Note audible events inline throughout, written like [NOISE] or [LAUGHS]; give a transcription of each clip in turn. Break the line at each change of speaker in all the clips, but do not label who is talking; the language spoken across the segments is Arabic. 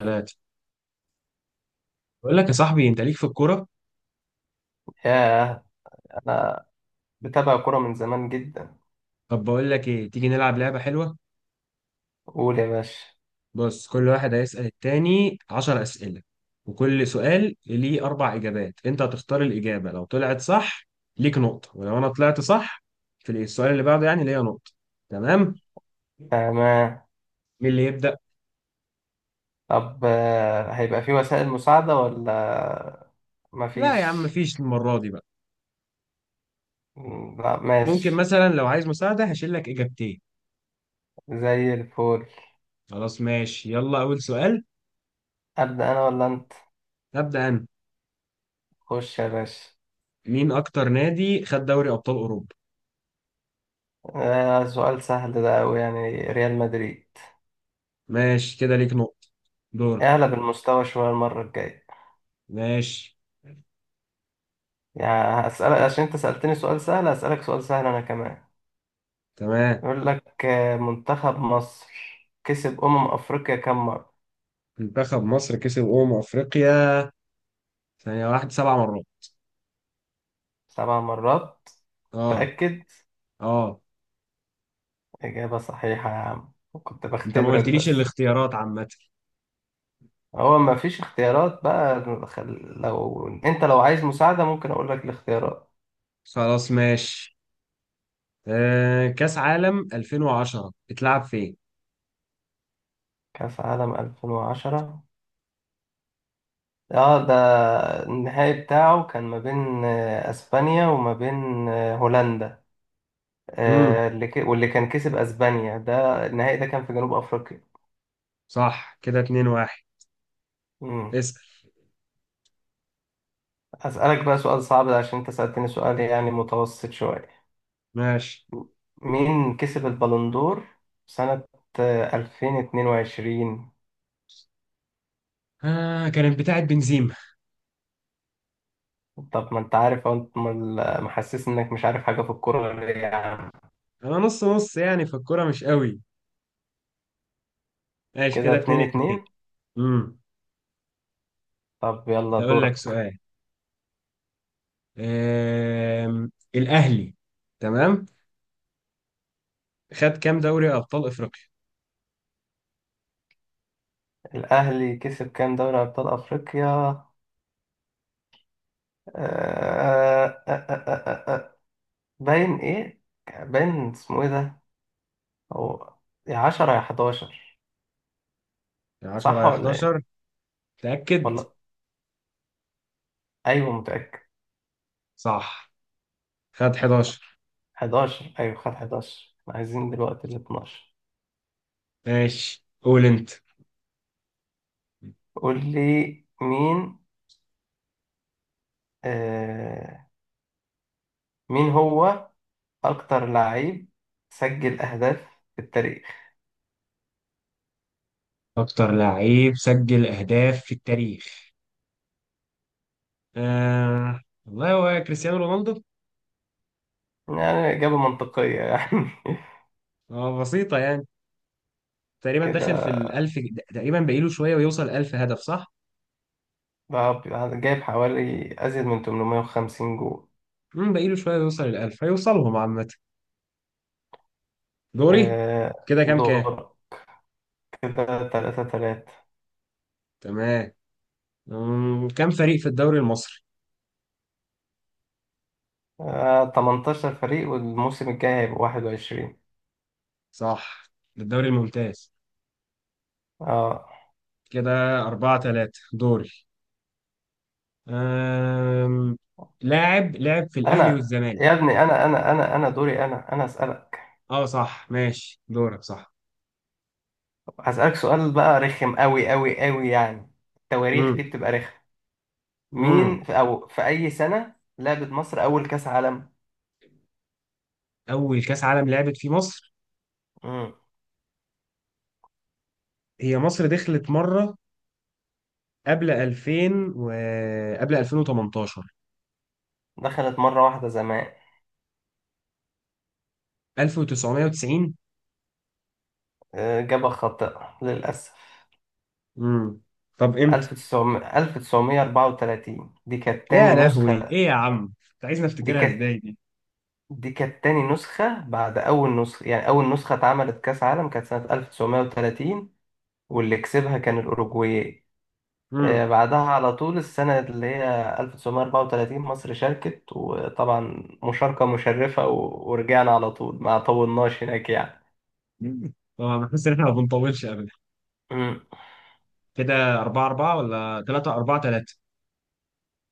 بنات. بقول لك يا صاحبي، انت ليك في الكوره.
ياه، أنا بتابع كرة من زمان جدا.
طب بقول لك ايه، تيجي نلعب لعبه حلوه؟
قول يا باشا.
بص، كل واحد هيسال التاني 10 اسئله، وكل سؤال ليه اربع اجابات. انت هتختار الاجابه، لو طلعت صح ليك نقطه، ولو انا طلعت صح في السؤال اللي بعده يعني ليا نقطه. تمام؟
تمام.
مين اللي يبدا؟
طب هيبقى في وسائل مساعدة ولا
لا يا عم،
مفيش؟
مفيش المره دي بقى.
لا
ممكن
ماشي.
مثلا لو عايز مساعده هشيل لك اجابتين.
زي الفل.
خلاص ماشي، يلا اول سؤال.
أبدأ أنا ولا أنت؟
هبدا انا.
خش يا باشا.
مين اكتر نادي خد دوري ابطال اوروبا؟
آه، سؤال سهل ده أوي، يعني ريال مدريد.
ماشي كده، ليك نقطه. دور.
اعلى بالمستوى شوية المرة الجاية.
ماشي.
يعني هسألك عشان أنت سألتني سؤال سهل، هسألك سؤال سهل أنا كمان.
تمام.
يقول لك منتخب مصر كسب أمم أفريقيا كم مرة؟
منتخب مصر كسب أمم أفريقيا، ثانية واحدة، 7 مرات.
سبع مرات.
اه.
تأكد.
اه.
إجابة صحيحة يا عم، كنت
انت ما
بختبرك
قلتليش
بس.
الاختيارات عامة.
هو ما فيش اختيارات بقى، لو انت لو عايز مساعدة ممكن اقول لك الاختيارات.
خلاص ماشي. كأس عالم 2010 اتلعب فين؟
كأس عالم 2010، اه ده النهائي بتاعه كان ما بين اسبانيا وما بين هولندا.
امم
واللي كان كسب اسبانيا، ده النهائي ده كان في جنوب افريقيا.
صح كده، 2 1.
مم.
اسأل.
اسألك بقى سؤال صعب عشان انت سألتني سؤال يعني متوسط شوية.
ماشي.
مين كسب البالندور سنة 2022؟
كانت بتاعت بنزيما.
طب ما انت عارف اهو، انت محسس انك مش عارف حاجة في الكورة ليه يا عم.
انا نص نص يعني، في الكورة مش قوي. ماشي
كده
كده،
اتنين
2 2.
اتنين.
امم
طب يلا
هقول لك
دورك.
سؤال. آه الأهلي. تمام. خد كام دوري أبطال أفريقيا؟
الأهلي كسب كام دوري أبطال أفريقيا؟ آه، آه، آه، آه. آه، آه. باين ايه، باين اسمه ايه ده. هو يا عشرة يا حداشر.
10
صح
يا
ولا ايه؟
11. تأكد.
والله ايوه متأكد.
صح. خد 11.
حداشر، ايوه خد حداشر، عايزين دلوقتي الاتناشر.
ماشي قول انت.
قول لي، مين آه، مين هو أكتر لعيب سجل أهداف في التاريخ؟
اكتر لعيب سجل اهداف في التاريخ؟ والله هو كريستيانو رونالدو.
يعني إجابة منطقية يعني. [LAUGHS]
بسيطة يعني. تقريبا
كده
داخل في الألف. تقريبا باقيله شوية ويوصل 1000 هدف، صح؟
بقى جايب حوالي أزيد من 850 جول.
باقيله شوية ويوصل الألف، هيوصلهم عامة. دوري. كده كام كام؟
دور. كده تلاتة تلاتة.
تمام. كام فريق في الدوري المصري؟
18 فريق والموسم الجاي هيبقى 21.
صح. الدوري الممتاز.
اه.
كده 4-3. دوري. أم... لاعب لعب في الاهلي
أنا،
والزمالك.
يا ابني أنا دوري أنا أسألك.
اه صح ماشي، دورك، صح.
هسألك سؤال بقى رخم أوي أوي أوي يعني، التواريخ دي
امم
بتبقى رخمة.
امم
مين في أو في أي سنة لعبت مصر أول كأس عالم؟
اول كاس عالم لعبت في مصر؟
مم.
هي مصر دخلت مره قبل 2000، و قبل 2018.
دخلت مرة واحدة زمان.
1990.
إجابة خاطئة للأسف.
امم طب امتى؟
1900 1934 دي كانت
يا
تاني
لهوي،
نسخة.
ايه يا عم، انت عايزني
دي
افتكرها
كانت
ازاي دي؟
دي كانت تاني نسخة بعد أول نسخة، يعني أول نسخة اتعملت كأس عالم كانت سنة 1930، واللي كسبها كان الأوروجواي.
امم.
بعدها على طول السنة اللي هي 1934 مصر شاركت، وطبعا مشاركة مشرفة ورجعنا على طول ما طولناش هناك يعني.
[LAUGHS] طبعا بحس ان احنا ما بنطولش ابدا.
مم.
كده 4 4 ولا 3 4 3؟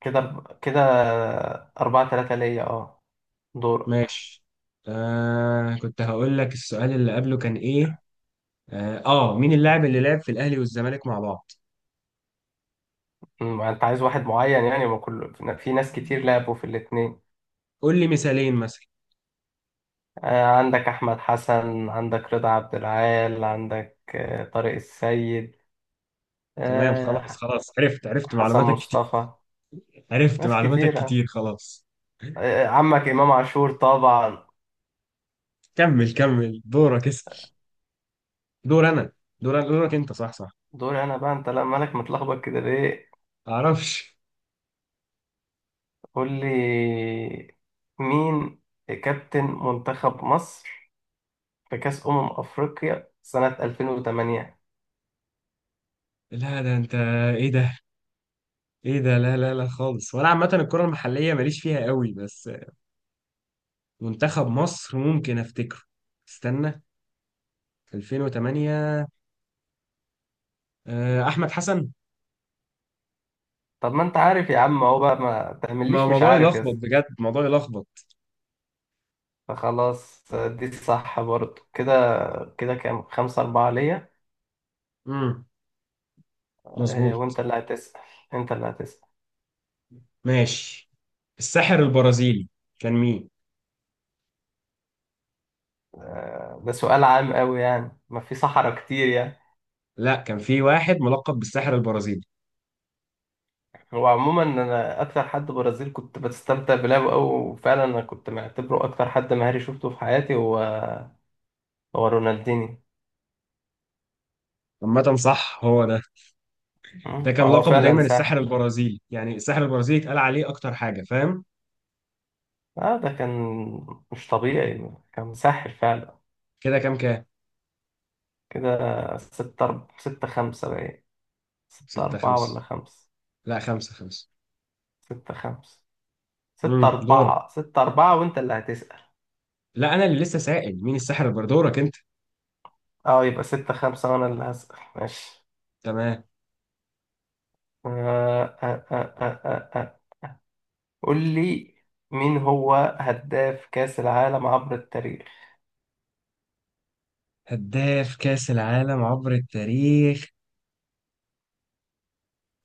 كده كده أربعة تلاتة ليا. اه دورك.
ماشي. كنت هقول لك، السؤال اللي قبله كان ايه؟ مين اللاعب اللي لعب في الاهلي والزمالك مع بعض؟
مم. أنت عايز واحد معين يعني؟ ما كل في ناس كتير لعبوا في الاتنين.
قول لي مثالين مثلا.
عندك أحمد حسن، عندك رضا عبد العال، عندك طارق السيد،
تمام خلاص
آه،
خلاص، عرفت عرفت،
حسن
معلوماتك كتير.
مصطفى.
عرفت
ناس
معلوماتك
كتيرة.
كتير، خلاص.
عمك إمام عاشور طبعا.
كمل كمل دورك، اسأل. دور انا. دورك انت، صح صح.
دوري أنا بقى، أنت لا مالك متلخبط كده ليه؟
معرفش.
قول لي، مين كابتن منتخب مصر في كأس أمم أفريقيا سنة 2008؟
لا ده انت. ايه ده؟ ايه ده؟ لا لا لا خالص، وانا عامه الكره المحليه ماليش فيها قوي بس. منتخب مصر ممكن افتكره. استنى. 2008. احمد حسن.
طب ما أنت عارف يا عم أهو، بقى ما
ما
تعمليش مش
موضوع
عارف يا
يلخبط
اسطى.
بجد، موضوع يلخبط.
فخلاص دي صح برضه، كده كده كام؟ خمسة أربعة ليا.
امم مظبوط.
وأنت اللي هتسأل، أنت اللي هتسأل.
ماشي. الساحر البرازيلي كان مين؟
ده سؤال عام أوي يعني، ما في صحراء كتير يعني.
لا، كان في واحد ملقب بالساحر البرازيلي.
هو عموما أنا أكتر حد برازيل كنت بستمتع بلعبه أوي، وفعلا أنا كنت معتبره أكتر حد مهاري شفته في حياتي هو رونالديني.
عامة صح، هو ده.
م؟
ده كان
هو
لقبه
فعلا
دايما الساحر
ساحر.
البرازيلي، يعني الساحر البرازيلي اتقال عليه أكتر حاجة، فاهم؟
اه ده كان مش طبيعي، كان مسحل فعلا.
كده كام كام؟
كده ستة خمسة بقى، ستة
ستة
أربعة ولا
خمسة
خمسة،
لا، 5-5.
ستة خمسة. ستة
دورك.
أربعة ستة أربعة وأنت اللي هتسأل.
لا، أنا اللي لسه سائل مين الساحر البرازيلي، دورك أنت.
اه، يبقى ستة خمسة وأنا اللي هسأل ماشي.
تمام.
آه آه آه آه آه آه. قول لي، مين هو هداف كأس العالم عبر التاريخ؟
هداف كأس العالم عبر التاريخ.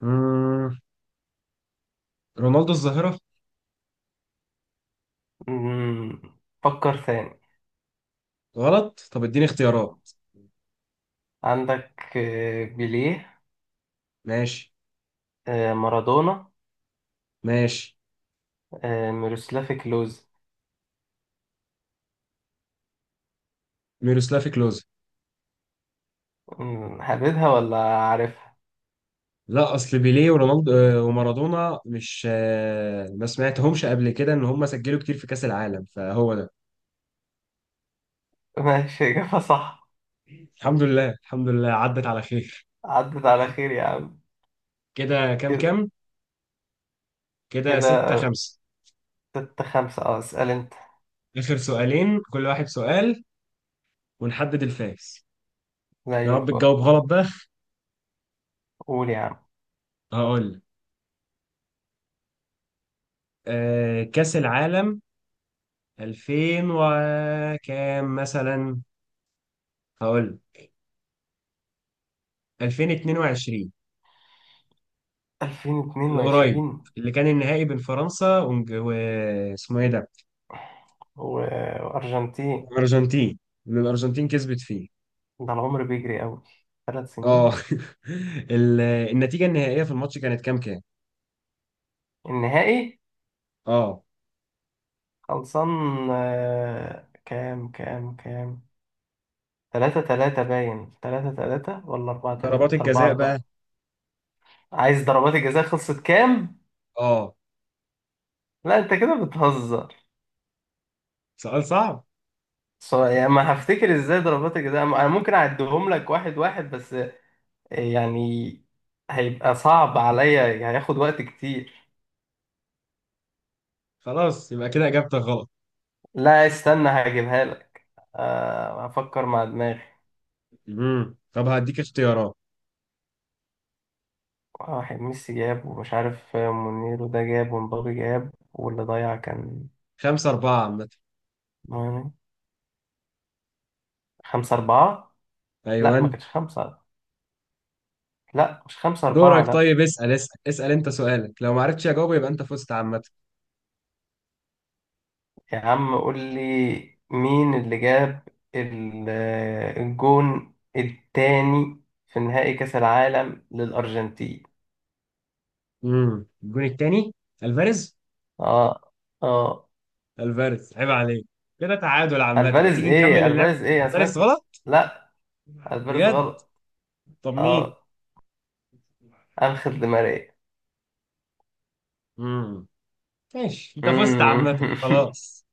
امم رونالدو الظاهرة.
مم. فكر ثاني.
غلط. طب اديني اختيارات.
عندك بيليه،
ماشي.
مارادونا،
ماشي.
ميروسلافي كلوز.
ميروسلاف كلوز.
حبيتها ولا عارفها.
لا، اصل بيليه ورونالدو ومارادونا مش ما سمعتهمش قبل كده ان هم سجلوا كتير في كاس العالم، فهو ده.
[LAUGHS] ماشي إجابة صح.
الحمد لله الحمد لله، عدت على خير.
عدت على خير يا عم.
كده كام
كده.
كام؟ كده ستة
كده
خمسة
ستة خمسة. اه اسأل انت.
اخر سؤالين، كل واحد سؤال، ونحدد الفائز. يا
زي
رب
الفل.
تجاوب غلط بقى.
قول يا عم.
هقول لك. كاس العالم 2000 وكام مثلا. هقول لك. 2022.
ألفين اتنين
القريب،
وعشرين
اللي كان النهائي بين فرنسا واسمه ايه ده؟
و- وأرجنتين.
الارجنتين. اللي الارجنتين كسبت فيه.
ده العمر بيجري أوي، ثلاث
اه.
سنين.
[LAUGHS] النتيجه النهائيه في الماتش كانت كام كام؟
النهائي
اه.
خلصان. كام كام كام؟ تلاتة تلاتة باين، تلاتة تلاتة ولا أربعة
ضربات
تلاتة، أربعة
الجزاء بقى.
أربعة. عايز ضربات الجزاء، خلصت كام؟
اه.
لا أنت كده بتهزر.
سؤال صعب.
يعني ما هفتكر ازاي ضربات الجزاء، انا ممكن اعدهم لك واحد واحد بس، يعني هيبقى صعب عليا، يعني هياخد وقت كتير.
خلاص يبقى كده اجابتك غلط.
لا استنى هجيبها لك. افكر مع دماغي.
طب هديك اختيارات.
واحد ميسي جاب، ومش عارف مونيرو ده جاب، ومبابي جاب، واللي ضيع كان
5-4 عامة.
مين؟ خمسة أربعة. لا ما
أيوان.
كانش خمسة، لا مش خمسة أربعة
دورك،
لا.
طيب اسأل اسأل اسأل أنت، سؤالك لو ما عرفتش أجاوبه يبقى أنت فزت عامة.
يا عم قول لي، مين اللي جاب ال- الجون التاني في نهائي كأس العالم للأرجنتين؟
الجون التاني. ألفاريز.
اه. اه
ألفاريز، عيب عليك. كده تعادل عامة،
الفاريز،
تيجي نكمل
ايه
اللعب.
الفاريز، ايه انا سمعت.
ألفاريز غلط،
لا الفاريز
بجد؟
غلط.
طب مين؟
اه، انخيل دي ماريا.
امم. ماشي، انت فزت عامة،
مم.
خلاص.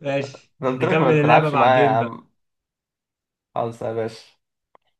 ماشي،
[LAUGHS] قلت لك ما
نكمل اللعبة
تلعبش معايا يا
بعدين.
عم، خالص يا باشا.